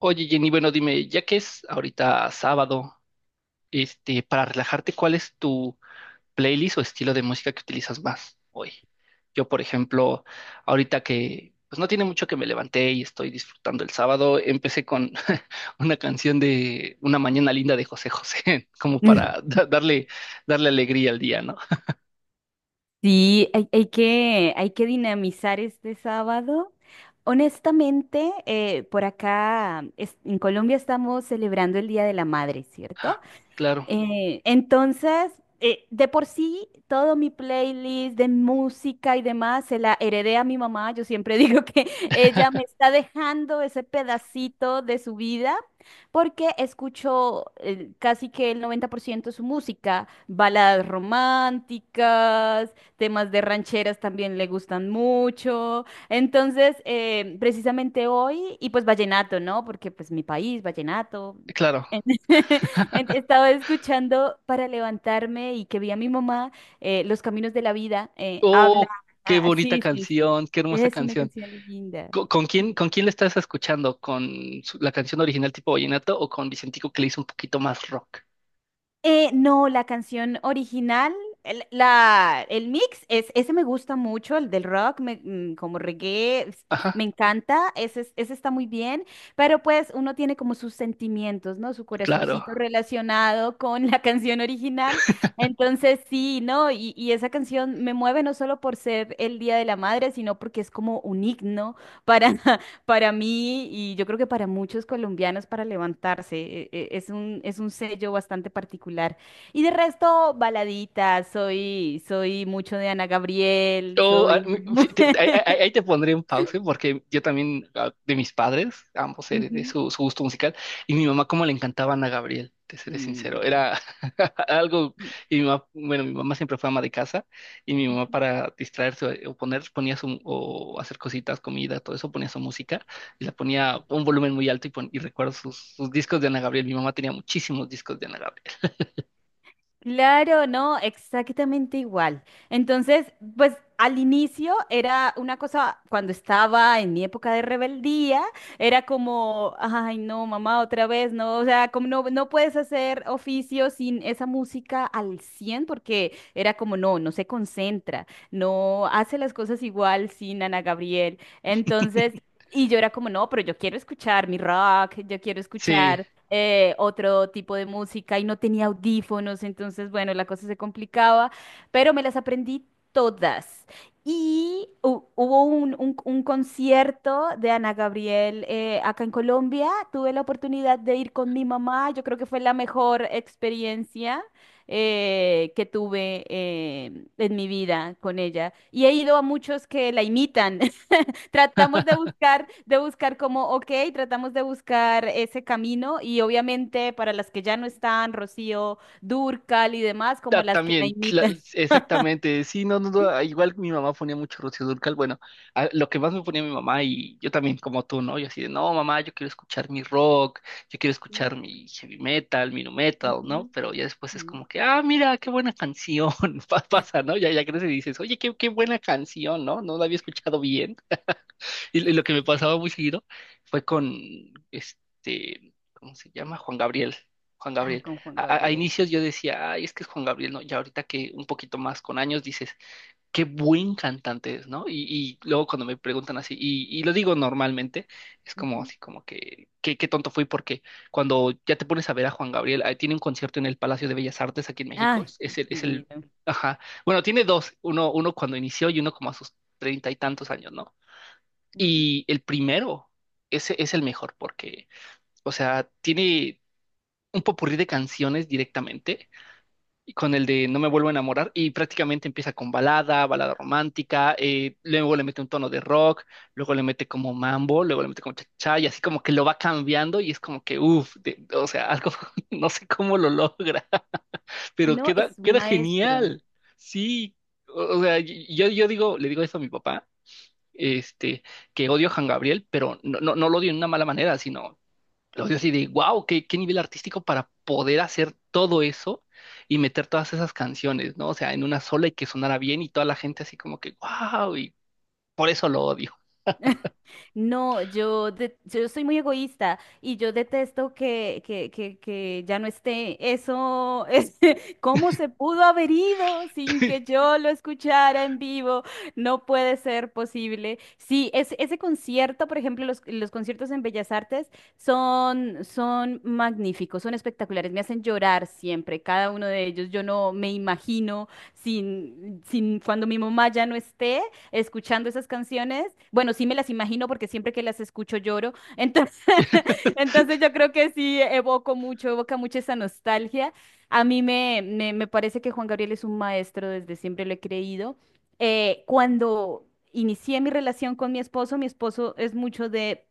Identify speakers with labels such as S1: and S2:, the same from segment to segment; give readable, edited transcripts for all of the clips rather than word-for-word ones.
S1: Oye, Jenny, bueno, dime, ya que es ahorita sábado, para relajarte, ¿cuál es tu playlist o estilo de música que utilizas más hoy? Yo, por ejemplo, ahorita que pues no tiene mucho que me levanté y estoy disfrutando el sábado, empecé con una canción de Una mañana linda de José José, como para darle alegría al día, ¿no?
S2: Sí, hay que dinamizar este sábado. Honestamente, por acá en Colombia estamos celebrando el Día de la Madre, ¿cierto?
S1: Claro.
S2: Eh, entonces, de por sí, todo mi playlist de música y demás se la heredé a mi mamá. Yo siempre digo que ella me está dejando ese pedacito de su vida porque escucho casi que el 90% de su música, baladas románticas, temas de rancheras también le gustan mucho. Entonces, precisamente hoy, y pues vallenato, ¿no? Porque pues mi país, vallenato.
S1: Claro.
S2: Estaba escuchando para levantarme y que vi a mi mamá, Los Caminos de la Vida, habla.
S1: Oh, qué
S2: Ah,
S1: bonita
S2: sí, sí, sí.
S1: canción, qué hermosa
S2: Es una
S1: canción.
S2: canción linda.
S1: Con quién le estás escuchando? ¿Con su- la canción original tipo vallenato o con Vicentico que le hizo un poquito más rock?
S2: No, la canción original, el mix, es, ese me gusta mucho, el del rock, como reggae, me
S1: Ajá,
S2: encanta, ese, ese está muy bien, pero pues uno tiene como sus sentimientos, ¿no? Su
S1: claro.
S2: corazoncito relacionado con la canción original. Entonces sí, ¿no? Y esa canción me mueve no solo por ser el Día de la Madre, sino porque es como un himno para, para mí, y yo creo que para muchos colombianos, para levantarse, es un sello bastante particular. Y de resto, baladitas, soy, soy mucho de Ana Gabriel,
S1: Oh, ah,
S2: soy...
S1: mm, sí, te- ahí ahí- ahí te pondré un pause porque yo también, ah, de mis padres, ambos heredé de
S2: Ujú.
S1: su, su gusto musical, y mi mamá como le encantaba Ana Gabriel, te seré sincero,
S2: Mm.
S1: era algo,
S2: mm,
S1: y mi mamá, bueno, mi mamá siempre fue ama de casa, y mi mamá
S2: mm.
S1: para distraerse o poner, ponía su, o hacer cositas, comida, todo eso, ponía su música, y la ponía a un volumen muy alto, y, pon- y recuerdo sus, sus discos de Ana Gabriel, mi mamá tenía muchísimos discos de Ana Gabriel.
S2: Claro, no, exactamente igual. Entonces, pues al inicio era una cosa, cuando estaba en mi época de rebeldía, era como, ay, no, mamá, otra vez, no, o sea, como no, no puedes hacer oficio sin esa música al 100, porque era como, no, no se concentra, no hace las cosas igual sin Ana Gabriel. Entonces... Y yo era como, no, pero yo quiero escuchar mi rock, yo quiero
S1: Sí,
S2: escuchar otro tipo de música y no tenía audífonos, entonces, bueno, la cosa se complicaba, pero me las aprendí todas. Y hubo un, un concierto de Ana Gabriel acá en Colombia, tuve la oportunidad de ir con mi mamá, yo creo que fue la mejor experiencia que tuve en mi vida con ella. Y he ido a muchos que la imitan. Tratamos de buscar como, ok, tratamos de buscar ese camino y obviamente para las que ya no están, Rocío Dúrcal y demás,
S1: ah,
S2: como las que la
S1: también, la-
S2: imitan.
S1: exactamente. Sí, no, no, no, igual mi mamá ponía mucho Rocío Dúrcal. Bueno, a- lo que más me ponía mi mamá y yo también como tú, ¿no? Yo así de, no, mamá, yo quiero escuchar mi rock, yo quiero
S2: Ujú,
S1: escuchar mi heavy metal, mi nu metal, ¿no?
S2: ujú,
S1: Pero ya después es
S2: sí.
S1: como que, ah, mira, qué buena canción. pa- Pasa, ¿no? Ya, ya creces y dices, oye, qué, qué buena canción, ¿no? No la había escuchado bien. Y lo que me pasaba muy seguido fue con este, ¿cómo se llama? Juan Gabriel. Juan
S2: Ah,
S1: Gabriel.
S2: con Juan
S1: A
S2: Gabriel.
S1: inicios yo decía, ay, es que es Juan Gabriel, ¿no? Ya ahorita que un poquito más con años dices, qué buen cantante es, ¿no? Y luego cuando me preguntan así, y lo digo normalmente, es como
S2: Ujú.
S1: así, como que, qué, qué tonto fui, porque cuando ya te pones a ver a Juan Gabriel, ah, tiene un concierto en el Palacio de Bellas Artes aquí en México,
S2: Ay,
S1: es el,
S2: divino.
S1: ajá, bueno, tiene dos, uno, uno cuando inició y uno como a sus treinta y tantos años, ¿no?
S2: Ujú.
S1: Y el primero, ese es el mejor porque, o sea, tiene un popurrí de canciones directamente, y con el de No me vuelvo a enamorar, y prácticamente empieza con balada, balada romántica, luego le mete un tono de rock, luego le mete como mambo, luego le mete como cha y así como que lo va cambiando y es como que, uff, o sea, algo, no sé cómo lo logra, pero
S2: No, es
S1: queda,
S2: un
S1: queda
S2: maestro.
S1: genial. Sí, o sea, yo digo, le digo eso a mi papá este, que odio a Juan Gabriel, pero no, no, no lo odio en una mala manera, sino lo odio así de, wow, qué, qué nivel artístico para poder hacer todo eso y meter todas esas canciones, ¿no? O sea, en una sola y que sonara bien y toda la gente así como que, wow, y por eso lo odio.
S2: No, yo soy muy egoísta y yo detesto que, que ya no esté. Eso es, ¿cómo se pudo haber ido sin que yo lo escuchara en vivo? No puede ser posible. Sí, es, ese concierto, por ejemplo, los conciertos en Bellas Artes son, son magníficos, son espectaculares, me hacen llorar siempre, cada uno de ellos. Yo no me imagino sin, sin cuando mi mamá ya no esté escuchando esas canciones. Bueno, sí me las imagino porque siempre que las escucho lloro. Entonces, entonces yo creo que sí evoco mucho, evoca mucho esa nostalgia. A mí me parece que Juan Gabriel es un maestro, desde siempre lo he creído. Cuando inicié mi relación con mi esposo es mucho de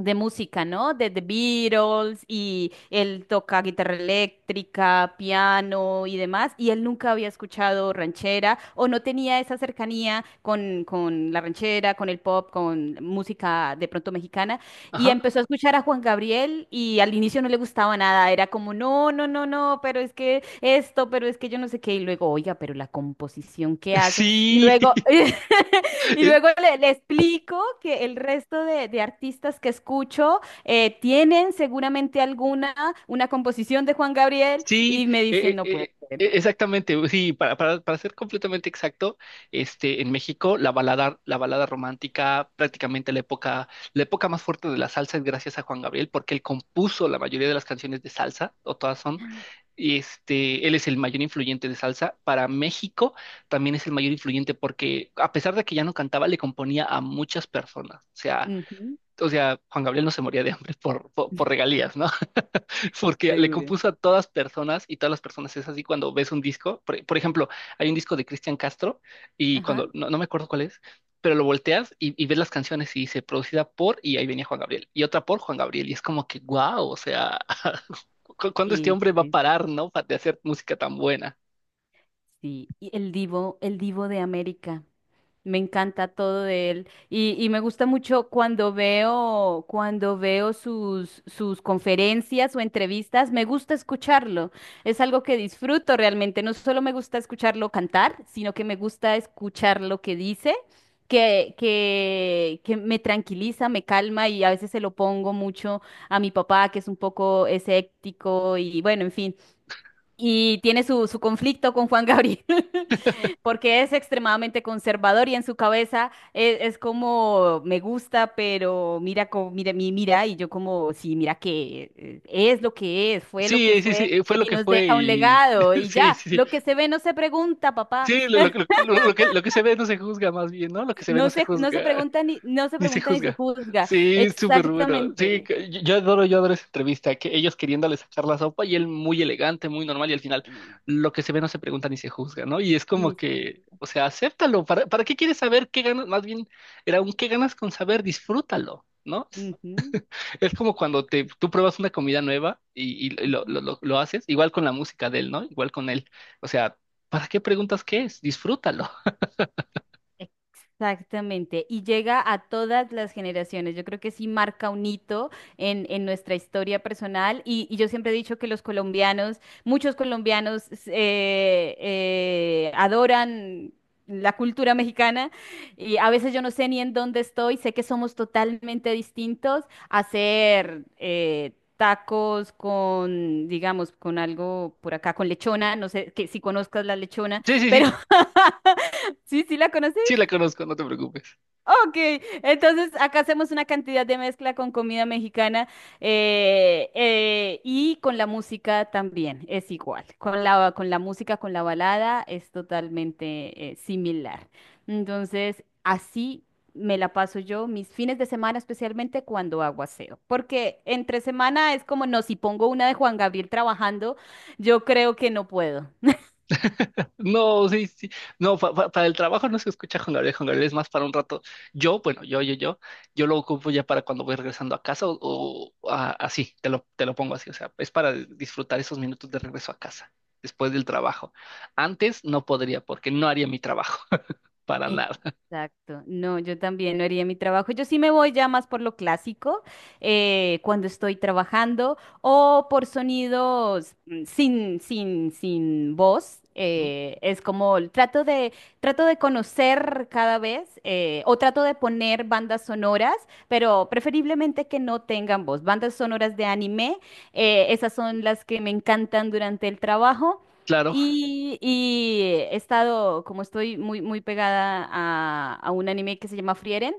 S2: música, ¿no? De The Beatles, y él toca guitarra eléctrica, piano y demás, y él nunca había escuchado ranchera o no tenía esa cercanía con la ranchera, con el pop, con música de pronto mexicana, y
S1: Ajá.
S2: empezó a escuchar a Juan Gabriel y al inicio no le gustaba nada, era como, no, no, no, no, pero es que esto, pero es que yo no sé qué, y luego, oiga, pero la composición que hace, y
S1: Sí,
S2: luego... Y
S1: es,
S2: luego le, le explico que el resto de artistas que escucho tienen seguramente alguna, una composición de Juan Gabriel
S1: sí,
S2: y me dicen, no puede ser.
S1: exactamente. Sí, para ser completamente exacto, en México la balada romántica, prácticamente la época más fuerte de la salsa es gracias a Juan Gabriel, porque él compuso la mayoría de las canciones de salsa, o todas son, y este, él es el mayor influyente de salsa. Para México también es el mayor influyente porque a pesar de que ya no cantaba, le componía a muchas personas.
S2: Ujú,
S1: O sea, Juan Gabriel no se moría de hambre por regalías, ¿no? Porque le
S2: seguro.
S1: compuso a todas personas y todas las personas es así cuando ves un disco. Por ejemplo, hay un disco de Cristian Castro y
S2: Ajá.
S1: cuando, no, no me acuerdo cuál es, pero lo volteas y ves las canciones y dice producida por, y ahí venía Juan Gabriel, y otra por Juan Gabriel, y es como que, wow, o sea, ¿cu- ¿cuándo este hombre va a
S2: Este,
S1: parar, no? pa- De hacer música tan buena.
S2: sí. Y el divo de América. Me encanta todo de él y me gusta mucho cuando veo sus, sus conferencias o entrevistas, me gusta escucharlo. Es algo que disfruto realmente. No solo me gusta escucharlo cantar, sino que me gusta escuchar lo que dice, que me tranquiliza, me calma y a veces se lo pongo mucho a mi papá, que es un poco escéptico y bueno, en fin. Y tiene su, su conflicto con Juan Gabriel, porque es extremadamente conservador y en su cabeza es, como me gusta, pero mira, mira, mira, y yo como, sí, mira que es lo que es, fue lo que
S1: Sí, sí, sí,
S2: fue
S1: fue lo
S2: y
S1: que
S2: nos
S1: fue
S2: deja un
S1: y
S2: legado y
S1: sí, sí,
S2: ya,
S1: sí,
S2: lo que se ve no se pregunta, papá,
S1: sí, lo, lo que se ve no se juzga más bien, ¿no? Lo que se ve no se
S2: no se
S1: juzga.
S2: pregunta ni, no se
S1: Ni se
S2: pregunta ni se
S1: juzga.
S2: juzga,
S1: Sí, súper bueno. Sí,
S2: exactamente.
S1: que- yo adoro, yo adoro esa entrevista, que ellos queriéndole sacar la sopa y él muy elegante, muy normal, y al final lo que se ve no se pregunta ni se juzga, ¿no? Y es como
S2: Ni se-
S1: que, o sea, acéptalo. Para qué quieres saber qué ganas? Más bien, era un qué ganas con saber, disfrútalo, ¿no?
S2: Ujú.
S1: Es como cuando te,
S2: Exacto.
S1: tú pruebas una comida nueva y lo haces, igual con la música de él, ¿no? Igual con él. O sea, ¿para qué preguntas qué es? Disfrútalo.
S2: Exactamente, y llega a todas las generaciones. Yo creo que sí marca un hito en nuestra historia personal y yo siempre he dicho que los colombianos, muchos colombianos adoran la cultura mexicana y a veces yo no sé ni en dónde estoy, sé que somos totalmente distintos. Hacer tacos con, digamos, con algo por acá, con lechona, no sé que si conozcas la lechona,
S1: Sí, sí,
S2: pero...
S1: sí.
S2: Sí, sí la conoces.
S1: Sí, la conozco, no te preocupes.
S2: Ok, entonces acá hacemos una cantidad de mezcla con comida mexicana y con la música también es igual. Con la música, con la balada es totalmente similar. Entonces, así me la paso yo mis fines de semana, especialmente cuando hago aseo. Porque entre semana es como, no, si pongo una de Juan Gabriel trabajando, yo creo que no puedo.
S1: No, sí, sí. No, pa- pa- para el trabajo no se escucha Juan Gabriel. Juan Gabriel es más para un rato. Yo, bueno, yo lo ocupo ya para cuando voy regresando a casa o a- así, te lo pongo así. O sea, es para disfrutar esos minutos de regreso a casa, después del trabajo. Antes no podría porque no haría mi trabajo, para nada.
S2: Exacto, no, yo también no haría mi trabajo. Yo sí me voy ya más por lo clásico, cuando estoy trabajando o por sonidos mm, sin, sin, sin voz.
S1: Ujú.
S2: Es como trato de conocer cada vez o trato de poner bandas sonoras, pero preferiblemente que no tengan voz. Bandas sonoras de anime, esas son las que me encantan durante el trabajo.
S1: Claro.
S2: Y he estado, como estoy muy, muy pegada a un anime que se llama Frieren,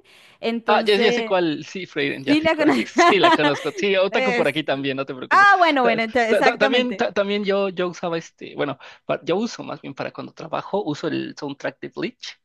S1: Ah, ya, ya sé
S2: entonces
S1: cuál, sí, Freiden, ya
S2: sí
S1: sé
S2: la
S1: cuál,
S2: conozco.
S1: sí, la conozco, sí, Otaku por
S2: Es-
S1: aquí también, no te preocupes.
S2: Ah, bueno, bueno,
S1: También
S2: exactamente.
S1: también yo usaba este, bueno, pa- yo uso más bien para cuando trabajo, uso el soundtrack de Bleach.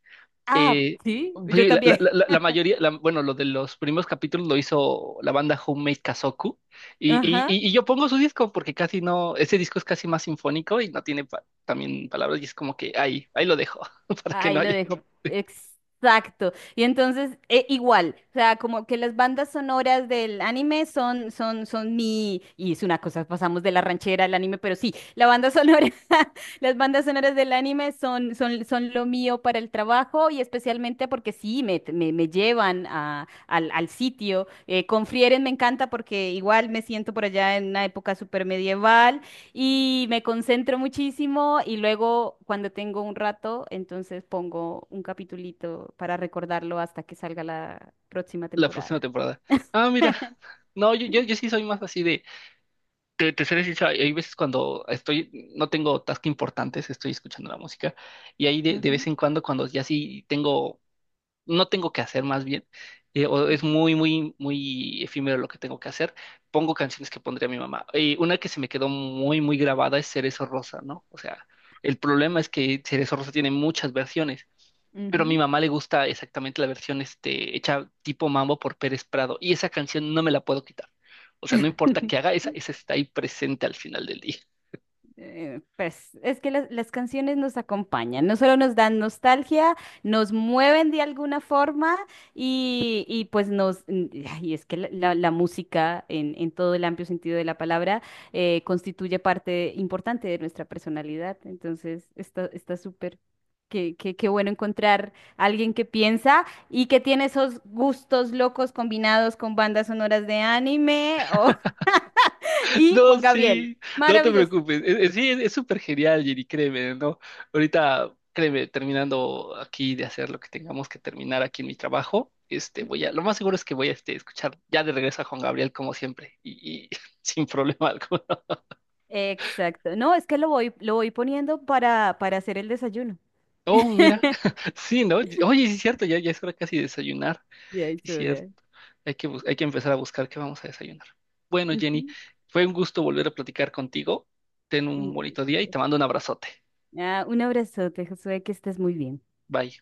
S2: Ah,
S1: Eh,
S2: sí, yo
S1: sí, la,
S2: también.
S1: la mayoría, la- bueno, lo de los primeros capítulos lo hizo la banda Homemade Kazoku, y,
S2: Ajá.
S1: y yo pongo su disco porque casi no, ese disco es casi más sinfónico y no tiene pa- también palabras, y es como que ahí, ahí lo dejo, para que no
S2: Ahí lo
S1: haya,
S2: dejo. Exacto. Y entonces, igual, o sea, como que las bandas sonoras del anime son, son, son mi, y es una cosa, pasamos de la ranchera al anime, pero sí, la banda sonora, las bandas sonoras del anime son, son, son lo mío para el trabajo y especialmente porque sí, me llevan a, al, al sitio. Con Frieren me encanta porque igual me siento por allá en una época súper medieval y me concentro muchísimo y luego cuando tengo un rato, entonces pongo un capitulito para recordarlo hasta que salga la próxima
S1: la próxima
S2: temporada.
S1: temporada. Ah, mira. No, yo sí soy más así de. Te seré sincero, hay veces cuando estoy, no tengo tasks importantes, estoy escuchando la música. Y ahí de
S2: Ujú,
S1: vez en cuando, cuando ya sí tengo no tengo que hacer más bien, o es muy, muy, muy efímero lo que tengo que hacer, pongo canciones que pondría mi mamá. Y una que se me quedó muy, muy grabada es Cerezo Rosa, ¿no? O sea, el problema es que Cerezo Rosa tiene muchas versiones, pero a mi
S2: ujú,
S1: mamá le gusta exactamente la versión hecha tipo mambo por Pérez Prado, y esa canción no me la puedo quitar. O sea, no importa
S2: ujú.
S1: qué haga, esa está ahí presente al final del día.
S2: Pues es que las canciones nos acompañan, no solo nos dan nostalgia, nos mueven de alguna forma y pues nos, y es que la, la música en todo el amplio sentido de la palabra constituye parte importante de nuestra personalidad, entonces está, está súper. Qué bueno encontrar a alguien que piensa y que tiene esos gustos locos combinados con bandas sonoras de anime o- y
S1: No,
S2: Juan Gabriel.
S1: sí, no te
S2: Maravilloso.
S1: preocupes. Es- sí, es súper genial, Jenny, créeme, ¿no? Ahorita, créeme, terminando aquí de hacer lo que tengamos que terminar aquí en mi trabajo, este, voy a, lo más seguro es que voy a este, escuchar ya de regreso a Juan Gabriel como siempre y sin problema alguno.
S2: Exacto. No, es que lo voy poniendo para hacer el desayuno.
S1: Oh, mira, sí, ¿no? Oye, sí es cierto, ya, ya es hora casi de desayunar,
S2: Ya
S1: sí
S2: es
S1: es cierto.
S2: hora.
S1: Hay que, bus- hay que empezar a buscar qué vamos a desayunar. Bueno, Jenny,
S2: Ujú,
S1: fue un gusto volver a platicar contigo. Ten un
S2: ujú,
S1: bonito día y
S2: sí.
S1: te mando un abrazote.
S2: Ah, un abrazote, Josué, que estés muy bien.
S1: Bye.